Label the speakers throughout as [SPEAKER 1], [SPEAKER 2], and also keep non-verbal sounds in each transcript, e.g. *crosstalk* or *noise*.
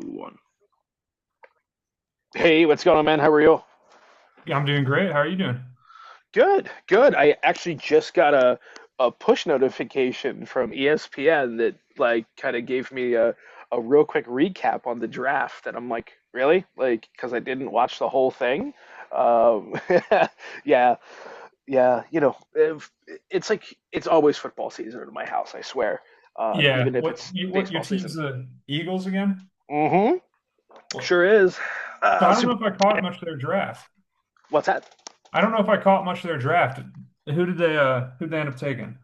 [SPEAKER 1] One. Hey, what's going on, man? How are you?
[SPEAKER 2] Yeah, I'm doing great. How are you doing?
[SPEAKER 1] Good, good. I actually just got a push notification from ESPN that like kind of gave me a real quick recap on the draft, and I'm like, really? Like, because I didn't watch the whole thing. Um, *laughs* yeah, yeah. You know, if, it's like it's always football season in my house. I swear,
[SPEAKER 2] Yeah.
[SPEAKER 1] even if
[SPEAKER 2] What
[SPEAKER 1] it's
[SPEAKER 2] you what your
[SPEAKER 1] baseball
[SPEAKER 2] team's
[SPEAKER 1] season.
[SPEAKER 2] the Eagles again?
[SPEAKER 1] Mm-hmm.
[SPEAKER 2] What?
[SPEAKER 1] Sure is.
[SPEAKER 2] So
[SPEAKER 1] Uh,
[SPEAKER 2] I don't
[SPEAKER 1] Super-
[SPEAKER 2] know if I caught much of their draft.
[SPEAKER 1] what's that?
[SPEAKER 2] I don't know if I caught much of their draft. Who they end up taking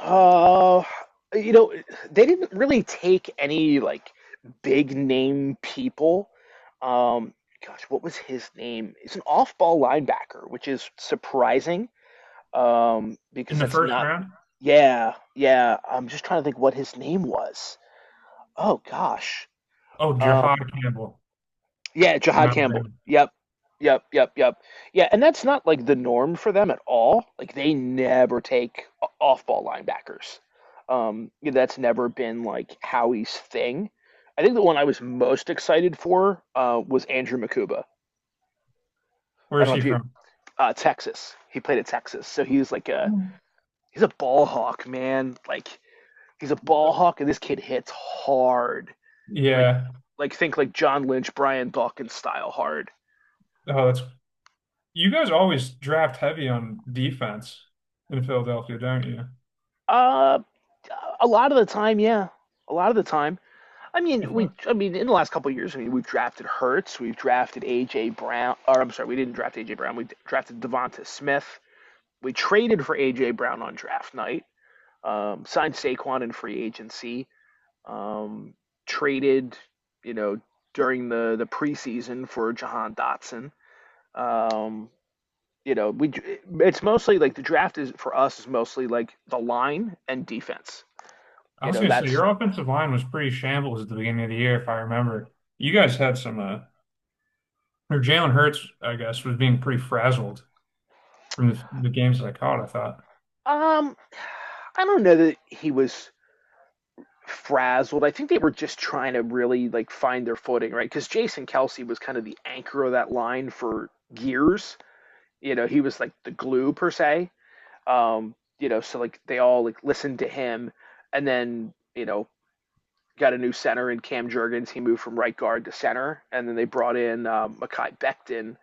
[SPEAKER 1] Uh, you know, they didn't really take any like big name people. Um, gosh, what was his name? It's an off-ball linebacker, which is surprising.
[SPEAKER 2] in
[SPEAKER 1] Because
[SPEAKER 2] the
[SPEAKER 1] that's
[SPEAKER 2] first
[SPEAKER 1] not.
[SPEAKER 2] round?
[SPEAKER 1] Yeah, yeah. I'm just trying to think what his name was. Oh gosh.
[SPEAKER 2] Oh,
[SPEAKER 1] uh,
[SPEAKER 2] Jahad Campbell
[SPEAKER 1] yeah,
[SPEAKER 2] from
[SPEAKER 1] Jahad Campbell.
[SPEAKER 2] Alabama.
[SPEAKER 1] Yep. Yep, yep, yep. Yeah, and that's not like the norm for them at all. Like they never take off-ball linebackers. Yeah, that's never been like Howie's thing. I think the one I was most excited for was Andrew Makuba.
[SPEAKER 2] Where
[SPEAKER 1] I don't
[SPEAKER 2] is
[SPEAKER 1] know
[SPEAKER 2] he
[SPEAKER 1] if you
[SPEAKER 2] from?
[SPEAKER 1] Texas. He played at Texas, so he was like
[SPEAKER 2] I
[SPEAKER 1] a
[SPEAKER 2] don't-
[SPEAKER 1] he's a ball hawk, man. Like he's a ball hawk, and this kid hits hard. Like
[SPEAKER 2] Yeah.
[SPEAKER 1] like think like John Lynch, Brian Dawkins style hard.
[SPEAKER 2] Oh, that's you guys always draft heavy on defense in Philadelphia, don't you?
[SPEAKER 1] Uh. A lot of the time, yeah. A lot of the time. I
[SPEAKER 2] I
[SPEAKER 1] mean, we.
[SPEAKER 2] thought-
[SPEAKER 1] I mean, in the last couple of years, I mean, we've drafted Hertz, we've drafted AJ Brown, or I'm sorry, we didn't draft AJ Brown. We drafted Devonta Smith. We traded for AJ Brown on draft night. Signed Saquon in free agency. Um, traded, you know, during the preseason for Jahan Dotson. Um, you know, we. It's mostly like the draft is for us is mostly like the line and defense.
[SPEAKER 2] I
[SPEAKER 1] You
[SPEAKER 2] was
[SPEAKER 1] know,
[SPEAKER 2] gonna say
[SPEAKER 1] that's
[SPEAKER 2] your offensive line was pretty shambles at the beginning of the year, if I remember. You guys had some. Or Jalen Hurts, I guess, was being pretty frazzled from the games that I caught, I thought.
[SPEAKER 1] um I don't know that he was frazzled. I think they were just trying to really like find their footing, right? Because Jason Kelsey was kind of the anchor of that line for years. You know, he was like the glue per se. You know, so like they all like listened to him, and then you know got a new center in Cam Jurgens. He moved from right guard to center, and then they brought in Makai Becton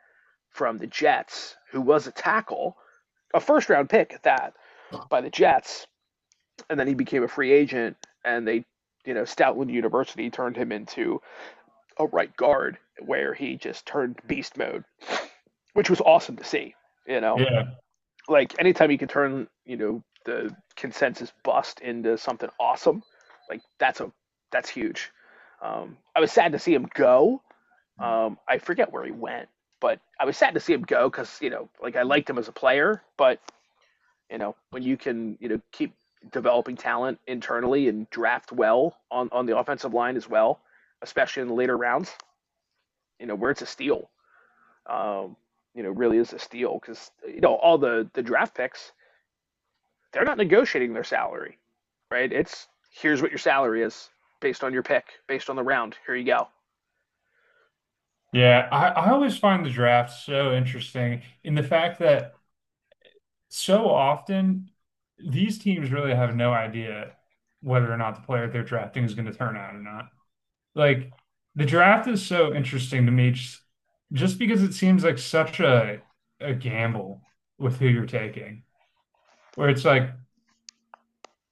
[SPEAKER 1] from the Jets, who was a tackle, a first round pick at that by the Jets and then he became a free agent, and they, you know, Stoutland University turned him into a right guard where he just turned beast mode, which was awesome to see. You know,
[SPEAKER 2] Yeah.
[SPEAKER 1] like anytime you can turn, you know, the consensus bust into something awesome, like that's huge. I was sad to see him go. I forget where he went, but I was sad to see him go because you know, like I liked him as a player, but you know, when you can, you know, keep developing talent internally and draft well on the offensive line as well, especially in the later rounds, you know, where it's a steal. Um, you know, really is a steal because, you know, all the draft picks, they're not negotiating their salary, right? It's here's what your salary is based on your pick, based on the round. Here you go.
[SPEAKER 2] Yeah. I always find the draft so interesting in the fact that so often these teams really have no idea whether or not the player they're drafting is going to turn out or not. Like the draft is so interesting to me just because it seems like such a gamble with who you're taking, where it's like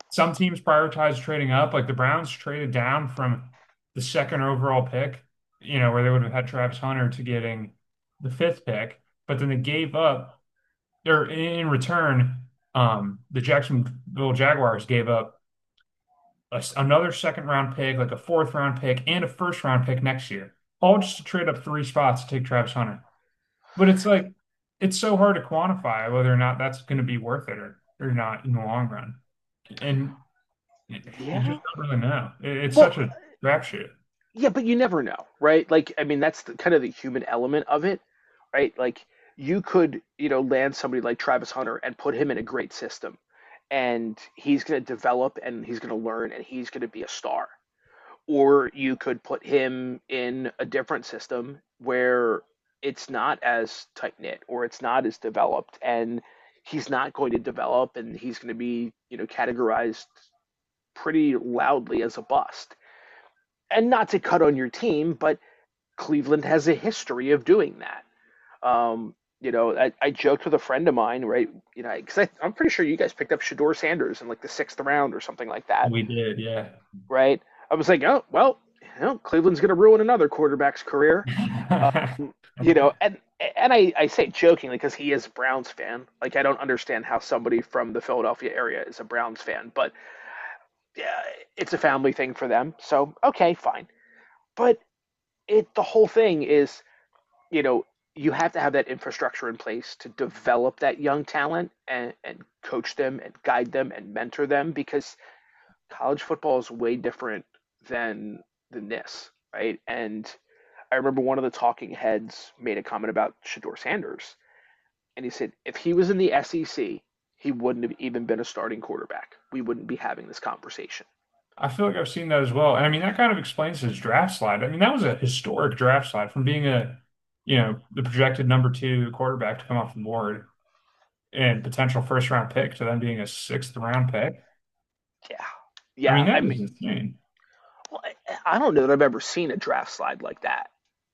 [SPEAKER 2] some teams prioritize trading up. Like the Browns traded down from the second overall pick, where they would have had Travis Hunter to getting the fifth pick, but then they gave up, or in return, the Jacksonville Jaguars gave up another second round pick, like a fourth round pick, and a first round pick next year, all just to trade up three spots to take Travis Hunter. But it's like, it's so hard to quantify whether or not that's going to be worth it or not in the long run. And you
[SPEAKER 1] Yeah.
[SPEAKER 2] just don't really know. It's
[SPEAKER 1] Well,
[SPEAKER 2] such a crapshoot.
[SPEAKER 1] yeah, but you never know, right? Like, I mean, that's the, kind of the human element of it, right? Like, you could, you know, land somebody like Travis Hunter and put him in a great system, and he's going to develop and he's going to learn and he's going to be a star. Or you could put him in a different system where it's not as tight knit or it's not as developed, and he's not going to develop and he's going to be, you know, categorized pretty loudly as a bust. And not to cut on your team, but Cleveland has a history of doing that. Um, you know, I joked with a friend of mine, right? You know, because I'm pretty sure you guys picked up Shador Sanders in like the sixth round or something like that,
[SPEAKER 2] We did, yeah.
[SPEAKER 1] right? I was like, oh, well, you know, Cleveland's going to ruin another quarterback's career,
[SPEAKER 2] *laughs*
[SPEAKER 1] you know, and and I say jokingly because he is a Browns fan. Like I don't understand how somebody from the Philadelphia area is a Browns fan, but yeah, it's a family thing for them. So okay, fine. But it the whole thing is you know, you have to have that infrastructure in place to develop that young talent and coach them and guide them and mentor them because college football is way different than than this, right? And I remember one of the talking heads made a comment about Shador Sanders, and he said if he was in the SEC, he wouldn't have even been a starting quarterback. We wouldn't be having this conversation.
[SPEAKER 2] I feel like I've seen that as well. And I mean, that kind of explains his draft slide. I mean, that was a historic draft slide from being the projected number two quarterback to come off the board and potential first round pick to then being a sixth round pick.
[SPEAKER 1] Yeah,
[SPEAKER 2] I mean,
[SPEAKER 1] yeah.
[SPEAKER 2] that is insane.
[SPEAKER 1] Well, I don't know that I've ever seen a draft slide like that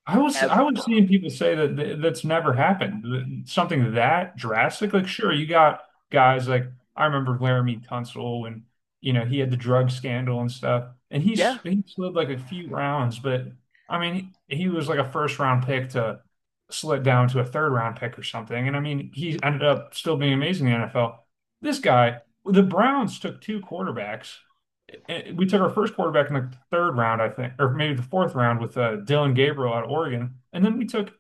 [SPEAKER 2] I was
[SPEAKER 1] ever.
[SPEAKER 2] I was seeing people say that th that's never happened. Something that drastic. Like, sure, you got guys like I remember Laramie Tunsil and he had the drug scandal and stuff, and he
[SPEAKER 1] Yeah,
[SPEAKER 2] s- he slid like a few rounds, but I mean he was like a first round pick to slid down to a third round pick or something, and I mean he ended up still being amazing in the NFL. This guy, the Browns took two quarterbacks we took our first quarterback in the third round, I think, or maybe the fourth round with Dylan Gabriel out of Oregon. And then we took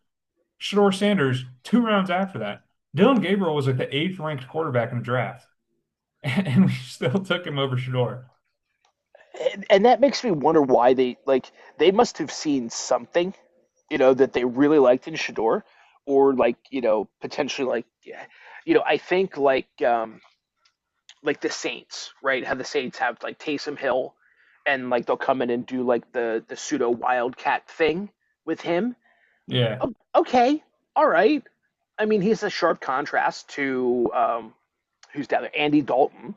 [SPEAKER 2] Shador Sanders two rounds after that. Dylan Gabriel was like the eighth ranked quarterback in the draft, *laughs* and we still took him over Shador.
[SPEAKER 1] and that makes me wonder why they like they must have seen something you know that they really liked in Shador, or like you know potentially like yeah, you know I think like like the Saints right how the Saints have like Taysom Hill, and like they'll come in and do like the pseudo wildcat thing with him.
[SPEAKER 2] Yeah,
[SPEAKER 1] Okay, all right. I mean he's a sharp contrast to who's down there, Andy Dalton,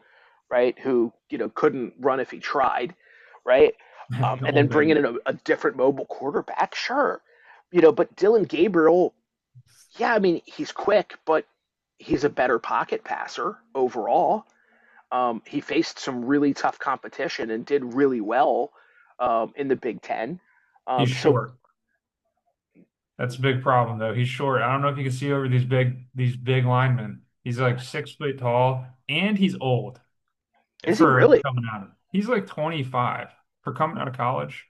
[SPEAKER 1] right, who you know couldn't run if he tried, right,
[SPEAKER 2] *laughs* the
[SPEAKER 1] and then
[SPEAKER 2] old
[SPEAKER 1] bringing
[SPEAKER 2] England.
[SPEAKER 1] in a different mobile quarterback, sure, you know, but Dylan Gabriel, yeah, I mean he's quick, but he's a better pocket passer overall. He faced some really tough competition and did really well in the Big Ten.
[SPEAKER 2] He's
[SPEAKER 1] So
[SPEAKER 2] short. That's a big problem, though. He's short. I don't know if you can see over these big linemen. He's like 6 foot tall, and he's old
[SPEAKER 1] is he
[SPEAKER 2] for
[SPEAKER 1] really?
[SPEAKER 2] coming out of. He's like 25 for coming out of college.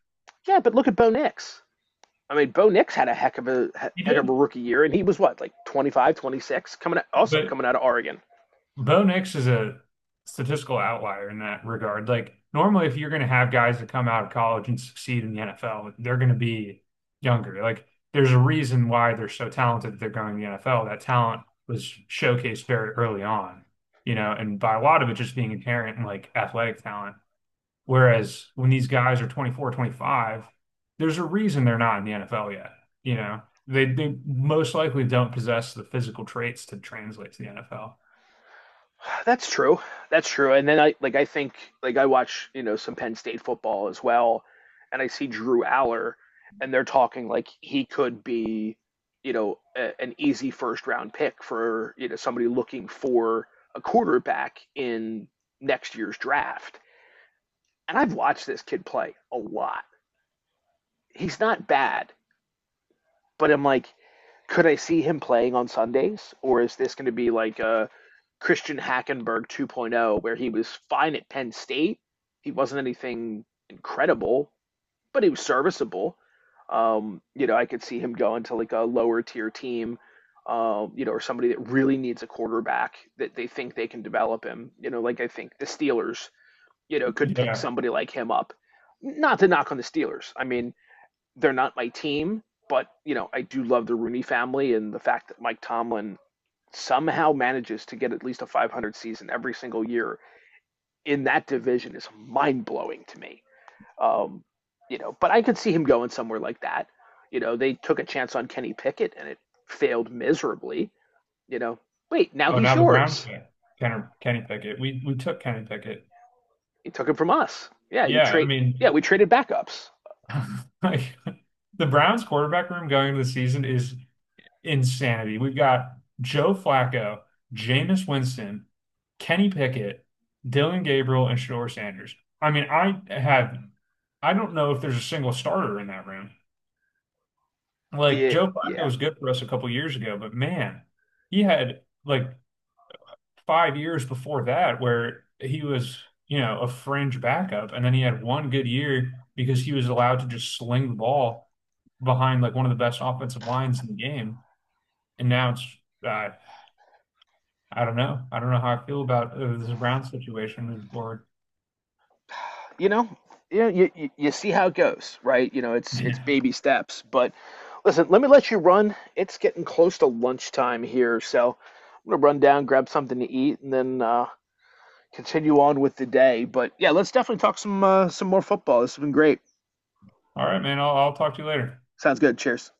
[SPEAKER 1] Yeah, but look at Bo Nix. I mean, Bo Nix had a
[SPEAKER 2] He
[SPEAKER 1] heck of a
[SPEAKER 2] did,
[SPEAKER 1] rookie year, and he was what like 25, 26, coming out, also
[SPEAKER 2] but
[SPEAKER 1] coming out of Oregon.
[SPEAKER 2] Bo Nix is a statistical outlier in that regard. Like normally, if you're going to have guys that come out of college and succeed in the NFL, they're going to be younger. Like there's a reason why they're so talented that they're going to the NFL. That talent was showcased very early on, and by a lot of it just being inherent in like athletic talent. Whereas when these guys are 24, 25, there's a reason they're not in the NFL yet. You know, they most likely don't possess the physical traits to translate to the NFL.
[SPEAKER 1] *sighs* That's true. That's true. And then I think I watch you know some Penn State football as well, and I see Drew Aller, and they're talking like he could be, you know, an easy first round pick for you know somebody looking for a quarterback in next year's draft. And I've watched this kid play a lot. He's not bad, but I'm like could I see him playing on Sundays, or is this going to be like a Christian Hackenberg 2.0, where he was fine at Penn State? He wasn't anything incredible, but he was serviceable. You know, I could see him going to like a lower tier team, you know, or somebody that really needs a quarterback that they think they can develop him. You know, like I think the Steelers, you know, could pick
[SPEAKER 2] Yeah.
[SPEAKER 1] somebody like him up. Not to knock on the Steelers. I mean, they're not my team, but you know, I do love the Rooney family and the fact that Mike Tomlin somehow manages to get at least a 500 season every single year in that division is mind blowing to me. Um, you know, but I could see him going somewhere like that. You know, they took a chance on Kenny Pickett and it failed miserably. You know, wait, now
[SPEAKER 2] Oh,
[SPEAKER 1] he's
[SPEAKER 2] now the Browns
[SPEAKER 1] yours.
[SPEAKER 2] got Kenny Pickett. We took Kenny Pickett.
[SPEAKER 1] He took him from us. Yeah, you
[SPEAKER 2] Yeah, I
[SPEAKER 1] trade.
[SPEAKER 2] mean,
[SPEAKER 1] Yeah, we traded backups.
[SPEAKER 2] *laughs* like the Browns quarterback room going into the season is insanity. We've got Joe Flacco, Jameis Winston, Kenny Pickett, Dylan Gabriel, and Shador Sanders. I mean, I don't know if there's a single starter in that room. Like
[SPEAKER 1] Yeah,
[SPEAKER 2] Joe Flacco
[SPEAKER 1] yeah.
[SPEAKER 2] was good for us a couple years ago, but man, he had like 5 years before that where he was a fringe backup. And then he had one good year because he was allowed to just sling the ball behind like one of the best offensive lines in the game. And now uh, I don't know. I don't know how I feel about this Brown situation moving forward. *laughs*
[SPEAKER 1] You know, you see how it goes, right? You know, it's
[SPEAKER 2] Yeah.
[SPEAKER 1] baby steps. But listen, let me let you run. It's getting close to lunchtime here, so I'm gonna run down, grab something to eat, and then continue on with the day. But yeah, let's definitely talk some more football. This has been great.
[SPEAKER 2] All right, man. I'll talk to you later.
[SPEAKER 1] Sounds good. Cheers.